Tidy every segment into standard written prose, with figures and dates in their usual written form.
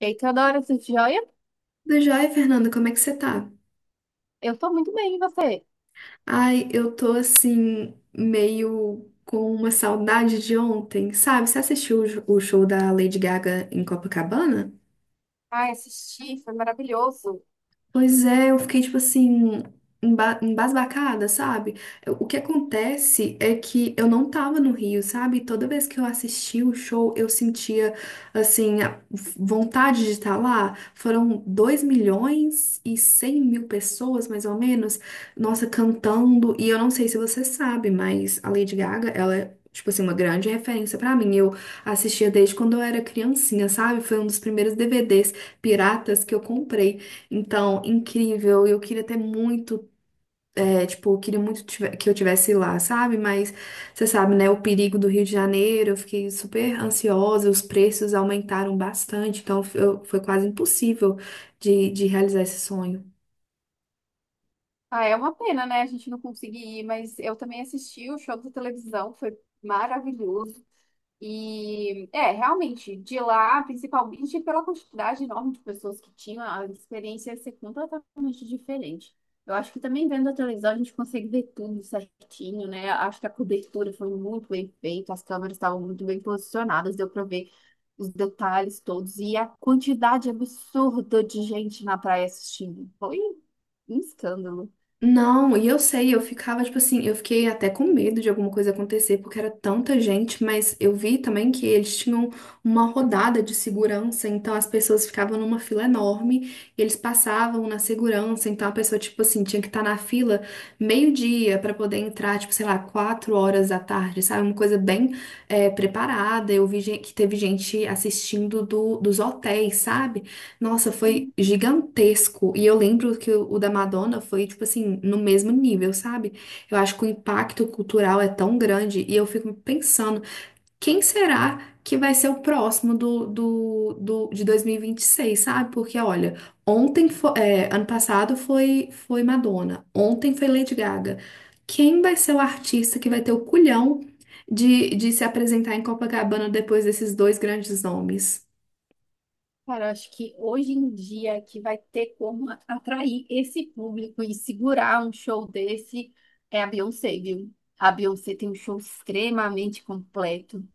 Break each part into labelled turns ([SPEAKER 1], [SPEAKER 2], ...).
[SPEAKER 1] Eita, adoro esse joia.
[SPEAKER 2] Tudo jóia, Fernanda? Como é que você tá?
[SPEAKER 1] Eu tô muito bem, e você?
[SPEAKER 2] Ai, eu tô assim, meio com uma saudade de ontem, sabe? Você assistiu o show da Lady Gaga em Copacabana?
[SPEAKER 1] Ai, assisti, foi maravilhoso.
[SPEAKER 2] Pois é, eu fiquei tipo assim, embasbacada, sabe? O que acontece é que eu não tava no Rio, sabe? Toda vez que eu assistia o show, eu sentia, assim, a vontade de estar lá. Foram 2.100.000 pessoas, mais ou menos, nossa, cantando. E eu não sei se você sabe, mas a Lady Gaga, ela é. Tipo assim, uma grande referência pra mim. Eu assistia desde quando eu era criancinha, sabe? Foi um dos primeiros DVDs piratas que eu comprei. Então, incrível. Eu queria ter muito, tipo, eu queria que eu tivesse lá, sabe? Mas você sabe, né, o perigo do Rio de Janeiro, eu fiquei super ansiosa, os preços aumentaram bastante, então foi quase impossível de realizar esse sonho.
[SPEAKER 1] Ah, é uma pena, né? A gente não conseguir ir, mas eu também assisti o show da televisão, foi maravilhoso. E é, realmente, de lá, principalmente pela quantidade enorme de pessoas que tinham, a experiência ia ser completamente diferente. Eu acho que também vendo a televisão a gente consegue ver tudo certinho, né? Acho que a cobertura foi muito bem feita, as câmeras estavam muito bem posicionadas, deu para ver os detalhes todos e a quantidade absurda de gente na praia assistindo. Foi um escândalo.
[SPEAKER 2] Não, e eu sei, eu ficava, tipo assim, eu fiquei até com medo de alguma coisa acontecer, porque era tanta gente, mas eu vi também que eles tinham uma rodada de segurança, então as pessoas ficavam numa fila enorme, e eles passavam na segurança, então a pessoa, tipo assim, tinha que estar na fila meio-dia pra poder entrar, tipo, sei lá, 4 horas da tarde, sabe? Uma coisa bem preparada. Eu vi que teve gente assistindo dos hotéis, sabe? Nossa, foi gigantesco. E eu lembro que o da Madonna foi, tipo assim, no mesmo nível, sabe? Eu acho que o impacto cultural é tão grande. E eu fico pensando, quem será que vai ser o próximo de 2026, sabe? Porque, olha, ontem foi, ano passado foi, foi Madonna, ontem foi Lady Gaga. Quem vai ser o artista que vai ter o culhão de se apresentar em Copacabana depois desses dois grandes nomes?
[SPEAKER 1] Cara, eu acho que hoje em dia é que vai ter como atrair esse público e segurar um show desse é a Beyoncé, viu? A Beyoncé tem um show extremamente completo.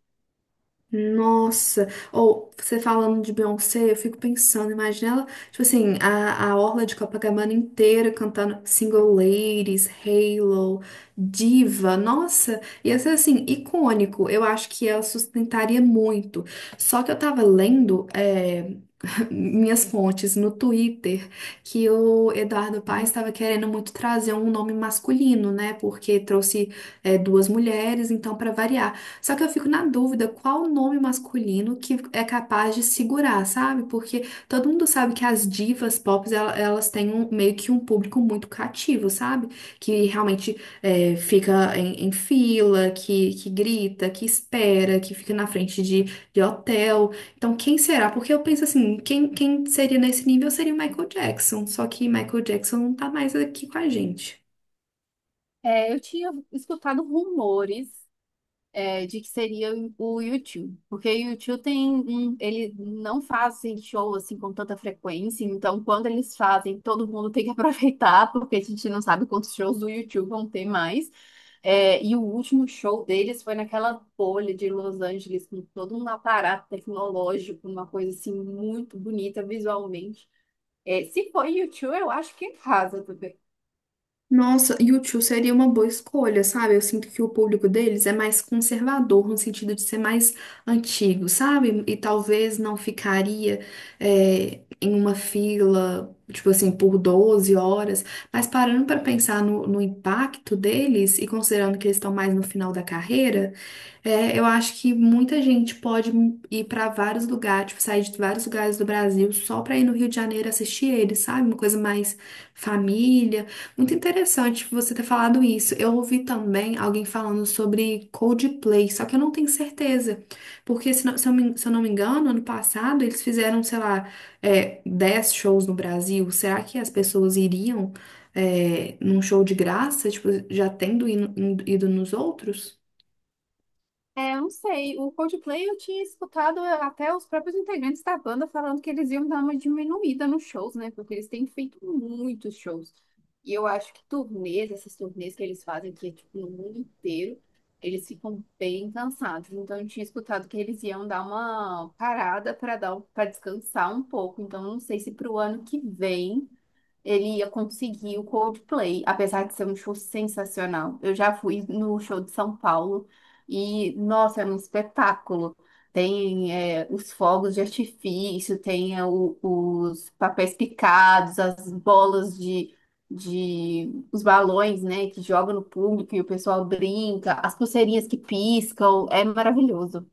[SPEAKER 2] Nossa, ou você falando de Beyoncé, eu fico pensando, imagina ela, tipo assim, a orla de Copacabana inteira cantando Single Ladies, Halo, Diva, nossa, ia ser assim, icônico, eu acho que ela sustentaria muito. Só que eu tava lendo, minhas fontes no Twitter que o Eduardo Paes
[SPEAKER 1] Uhum.
[SPEAKER 2] estava querendo muito trazer um nome masculino, né? Porque trouxe duas mulheres, então para variar. Só que eu fico na dúvida qual nome masculino que é capaz de segurar, sabe? Porque todo mundo sabe que as divas pop elas têm meio que um público muito cativo, sabe? Que realmente é, fica em, em fila, que grita, que espera, que fica na frente de hotel. Então, quem será? Porque eu penso assim, quem, quem seria nesse nível seria o Michael Jackson. Só que Michael Jackson não tá mais aqui com a gente.
[SPEAKER 1] É, eu tinha escutado rumores de que seria o YouTube, porque o YouTube ele não fazem show assim com tanta frequência, então quando eles fazem, todo mundo tem que aproveitar, porque a gente não sabe quantos shows do YouTube vão ter mais. É, e o último show deles foi naquela bolha de Los Angeles, com todo um aparato tecnológico, uma coisa assim muito bonita visualmente. É, se for YouTube, eu acho que em casa.
[SPEAKER 2] Nossa, u seria uma boa escolha, sabe? Eu sinto que o público deles é mais conservador, no sentido de ser mais antigo, sabe? E talvez não ficaria em uma fila, tipo assim, por 12 horas. Mas parando para pensar no impacto deles e considerando que eles estão mais no final da carreira, eu acho que muita gente pode ir para vários lugares, tipo, sair de vários lugares do Brasil só para ir no Rio de Janeiro assistir eles, sabe? Uma coisa mais família, muito interessante você ter falado isso. Eu ouvi também alguém falando sobre Coldplay, só que eu não tenho certeza. Porque, se eu não me engano, ano passado eles fizeram, sei lá, 10 shows no Brasil. Será que as pessoas iriam, num show de graça, tipo, já tendo ido nos outros?
[SPEAKER 1] É, eu não sei. O Coldplay eu tinha escutado até os próprios integrantes da banda falando que eles iam dar uma diminuída nos shows, né? Porque eles têm feito muitos shows. E eu acho que turnês, essas turnês que eles fazem aqui, tipo, no mundo inteiro, eles ficam bem cansados. Então eu tinha escutado que eles iam dar uma parada para descansar um pouco. Então eu não sei se para o ano que vem ele ia conseguir o Coldplay, apesar de ser um show sensacional. Eu já fui no show de São Paulo e, nossa, era um espetáculo. Tem os fogos de artifício, tem os papéis picados, as bolas, os balões, né, que jogam no público e o pessoal brinca, as pulseirinhas que piscam, é maravilhoso.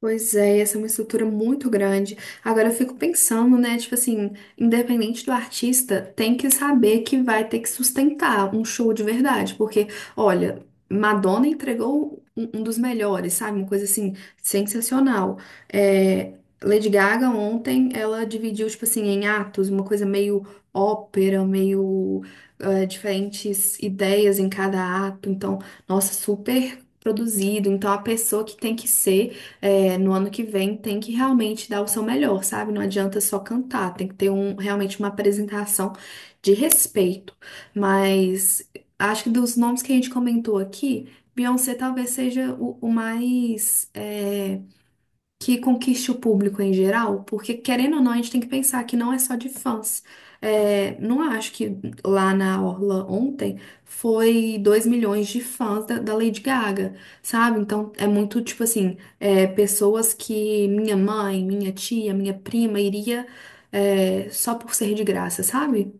[SPEAKER 2] Pois é, essa é uma estrutura muito grande. Agora eu fico pensando, né? Tipo assim, independente do artista, tem que saber que vai ter que sustentar um show de verdade. Porque, olha, Madonna entregou um dos melhores, sabe? Uma coisa assim, sensacional. É, Lady Gaga ontem, ela dividiu, tipo assim, em atos, uma coisa meio ópera, meio diferentes ideias em cada ato. Então, nossa, super. Produzido, então a pessoa que tem que ser no ano que vem tem que realmente dar o seu melhor, sabe? Não adianta só cantar, tem que ter realmente uma apresentação de respeito. Mas acho que dos nomes que a gente comentou aqui, Beyoncé talvez seja o mais. Que conquiste o público em geral, porque querendo ou não, a gente tem que pensar que não é só de fãs. É, não acho que lá na Orla ontem foi 2 milhões de fãs da Lady Gaga, sabe? Então é muito tipo assim, pessoas que minha mãe, minha tia, minha prima iria, só por ser de graça, sabe?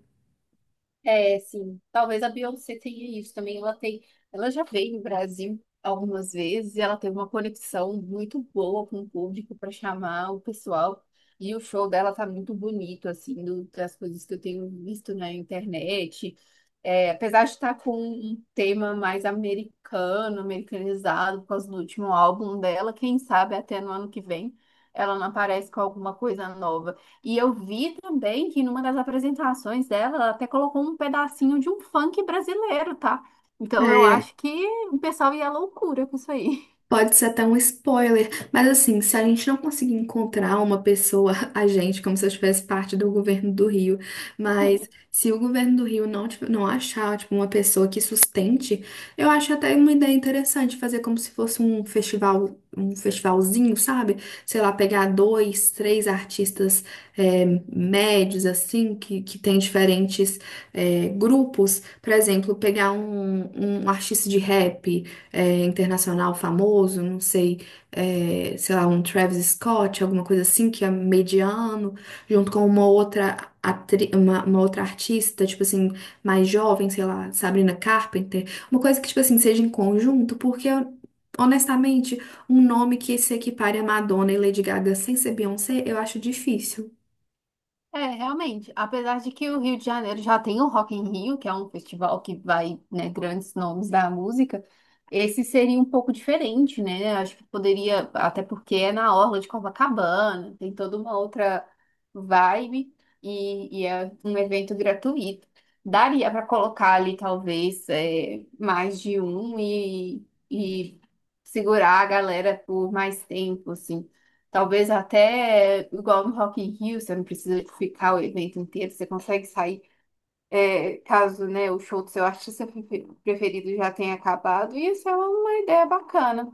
[SPEAKER 1] É, sim. Talvez a Beyoncé tenha isso também. Ela já veio no Brasil algumas vezes e ela teve uma conexão muito boa com o público para chamar o pessoal. E o show dela tá muito bonito, assim, das coisas que eu tenho visto na internet. É, apesar de estar com um tema mais americano, americanizado, por causa do último álbum dela, quem sabe até no ano que vem ela não aparece com alguma coisa nova. E eu vi também que numa das apresentações dela, ela até colocou um pedacinho de um funk brasileiro, tá? Então eu acho que o pessoal ia à loucura com isso aí.
[SPEAKER 2] Pode ser até um spoiler, mas assim, se a gente não conseguir encontrar uma pessoa, a gente, como se eu tivesse parte do governo do Rio, mas se o governo do Rio não achar, tipo, uma pessoa que sustente, eu acho até uma ideia interessante fazer como se fosse um festival, um festivalzinho, sabe? Sei lá, pegar dois, três artistas médios, assim, que tem diferentes grupos, por exemplo, pegar um artista de rap internacional famoso, não sei, sei lá, um Travis Scott, alguma coisa assim, que é mediano, junto com uma outra, uma outra artista, tipo assim, mais jovem, sei lá, Sabrina Carpenter, uma coisa que, tipo assim, seja em conjunto, porque, honestamente, um nome que se equipare a Madonna e Lady Gaga sem ser Beyoncé, eu acho difícil.
[SPEAKER 1] É, realmente. Apesar de que o Rio de Janeiro já tem o Rock in Rio, que é um festival que vai, né, grandes nomes da música, esse seria um pouco diferente, né? Acho que poderia, até porque é na orla de Copacabana, tem toda uma outra vibe e é um evento gratuito. Daria para colocar ali, talvez, mais de um e segurar a galera por mais tempo, assim. Talvez até igual no Rock in Rio, você não precisa ficar o evento inteiro, você consegue sair, caso, né, o show do seu artista preferido já tenha acabado, e isso é uma ideia bacana.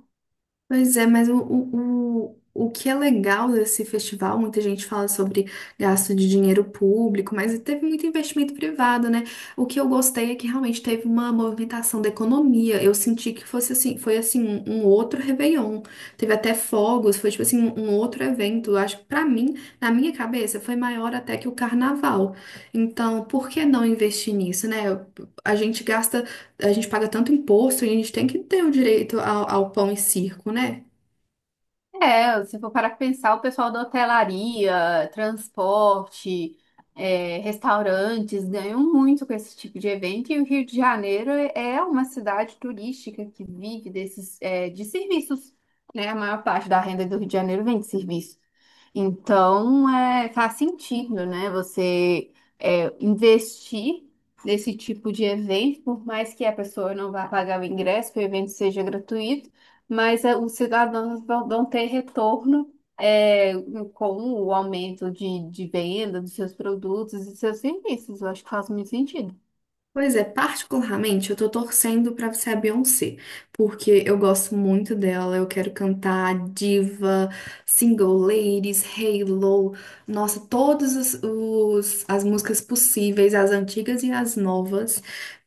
[SPEAKER 2] Pois é, mas o que é legal desse festival, muita gente fala sobre gasto de dinheiro público, mas teve muito investimento privado, né? O que eu gostei é que realmente teve uma movimentação da economia. Eu senti que fosse assim, foi assim, um outro Réveillon. Teve até fogos, foi tipo assim, um outro evento. Eu acho que pra mim, na minha cabeça, foi maior até que o carnaval. Então, por que não investir nisso, né? A gente gasta, a gente paga tanto imposto e a gente tem que ter o direito ao pão e circo, né?
[SPEAKER 1] É, se for parar pra pensar, o pessoal da hotelaria, transporte, restaurantes ganham muito com esse tipo de evento. E o Rio de Janeiro é uma cidade turística que vive desses, de serviços, né? A maior parte da renda do Rio de Janeiro vem de serviço. Então, faz sentido, né? Investir nesse tipo de evento, por mais que a pessoa não vá pagar o ingresso, que o evento seja gratuito, mas os cidadãos vão, ter retorno, eh, com o aumento de venda dos seus produtos e seus serviços. Eu acho que faz muito sentido.
[SPEAKER 2] Pois é, particularmente eu tô torcendo pra ser a Beyoncé, porque eu gosto muito dela, eu quero cantar Diva, Single Ladies, Halo, nossa, todas as músicas possíveis, as antigas e as novas.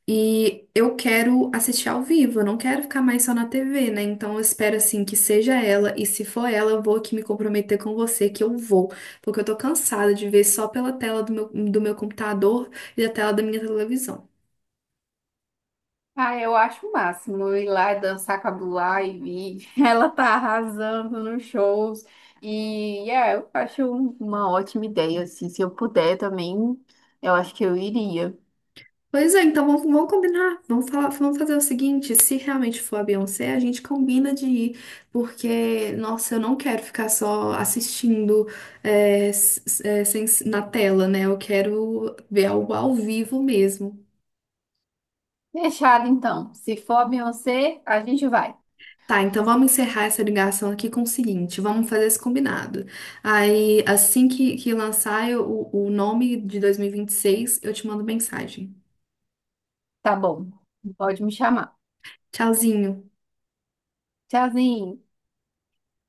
[SPEAKER 2] E eu quero assistir ao vivo, eu não quero ficar mais só na TV, né? Então eu espero assim que seja ela, e se for ela, eu vou aqui me comprometer com você que eu vou, porque eu tô cansada de ver só pela tela do meu computador e a tela da minha televisão.
[SPEAKER 1] Ah, eu acho o máximo eu ir lá e dançar com a Blue Ivy. Ela tá arrasando nos shows. E é, eu acho uma ótima ideia, assim. Se eu puder também, eu acho que eu iria.
[SPEAKER 2] Pois é, então vamos, vamos combinar, vamos falar, vamos fazer o seguinte, se realmente for a Beyoncé, a gente combina de ir, porque, nossa, eu não quero ficar só assistindo é, s- s- é, sem- na tela, né? Eu quero ver algo ao vivo mesmo.
[SPEAKER 1] Fechado, então. Se for a Beyoncé, a gente vai.
[SPEAKER 2] Tá, então vamos encerrar essa ligação aqui com o seguinte, vamos fazer esse combinado. Aí, assim que lançar o nome de 2026, eu te mando mensagem.
[SPEAKER 1] Tá bom. Pode me chamar.
[SPEAKER 2] Tchauzinho.
[SPEAKER 1] Tchauzinho.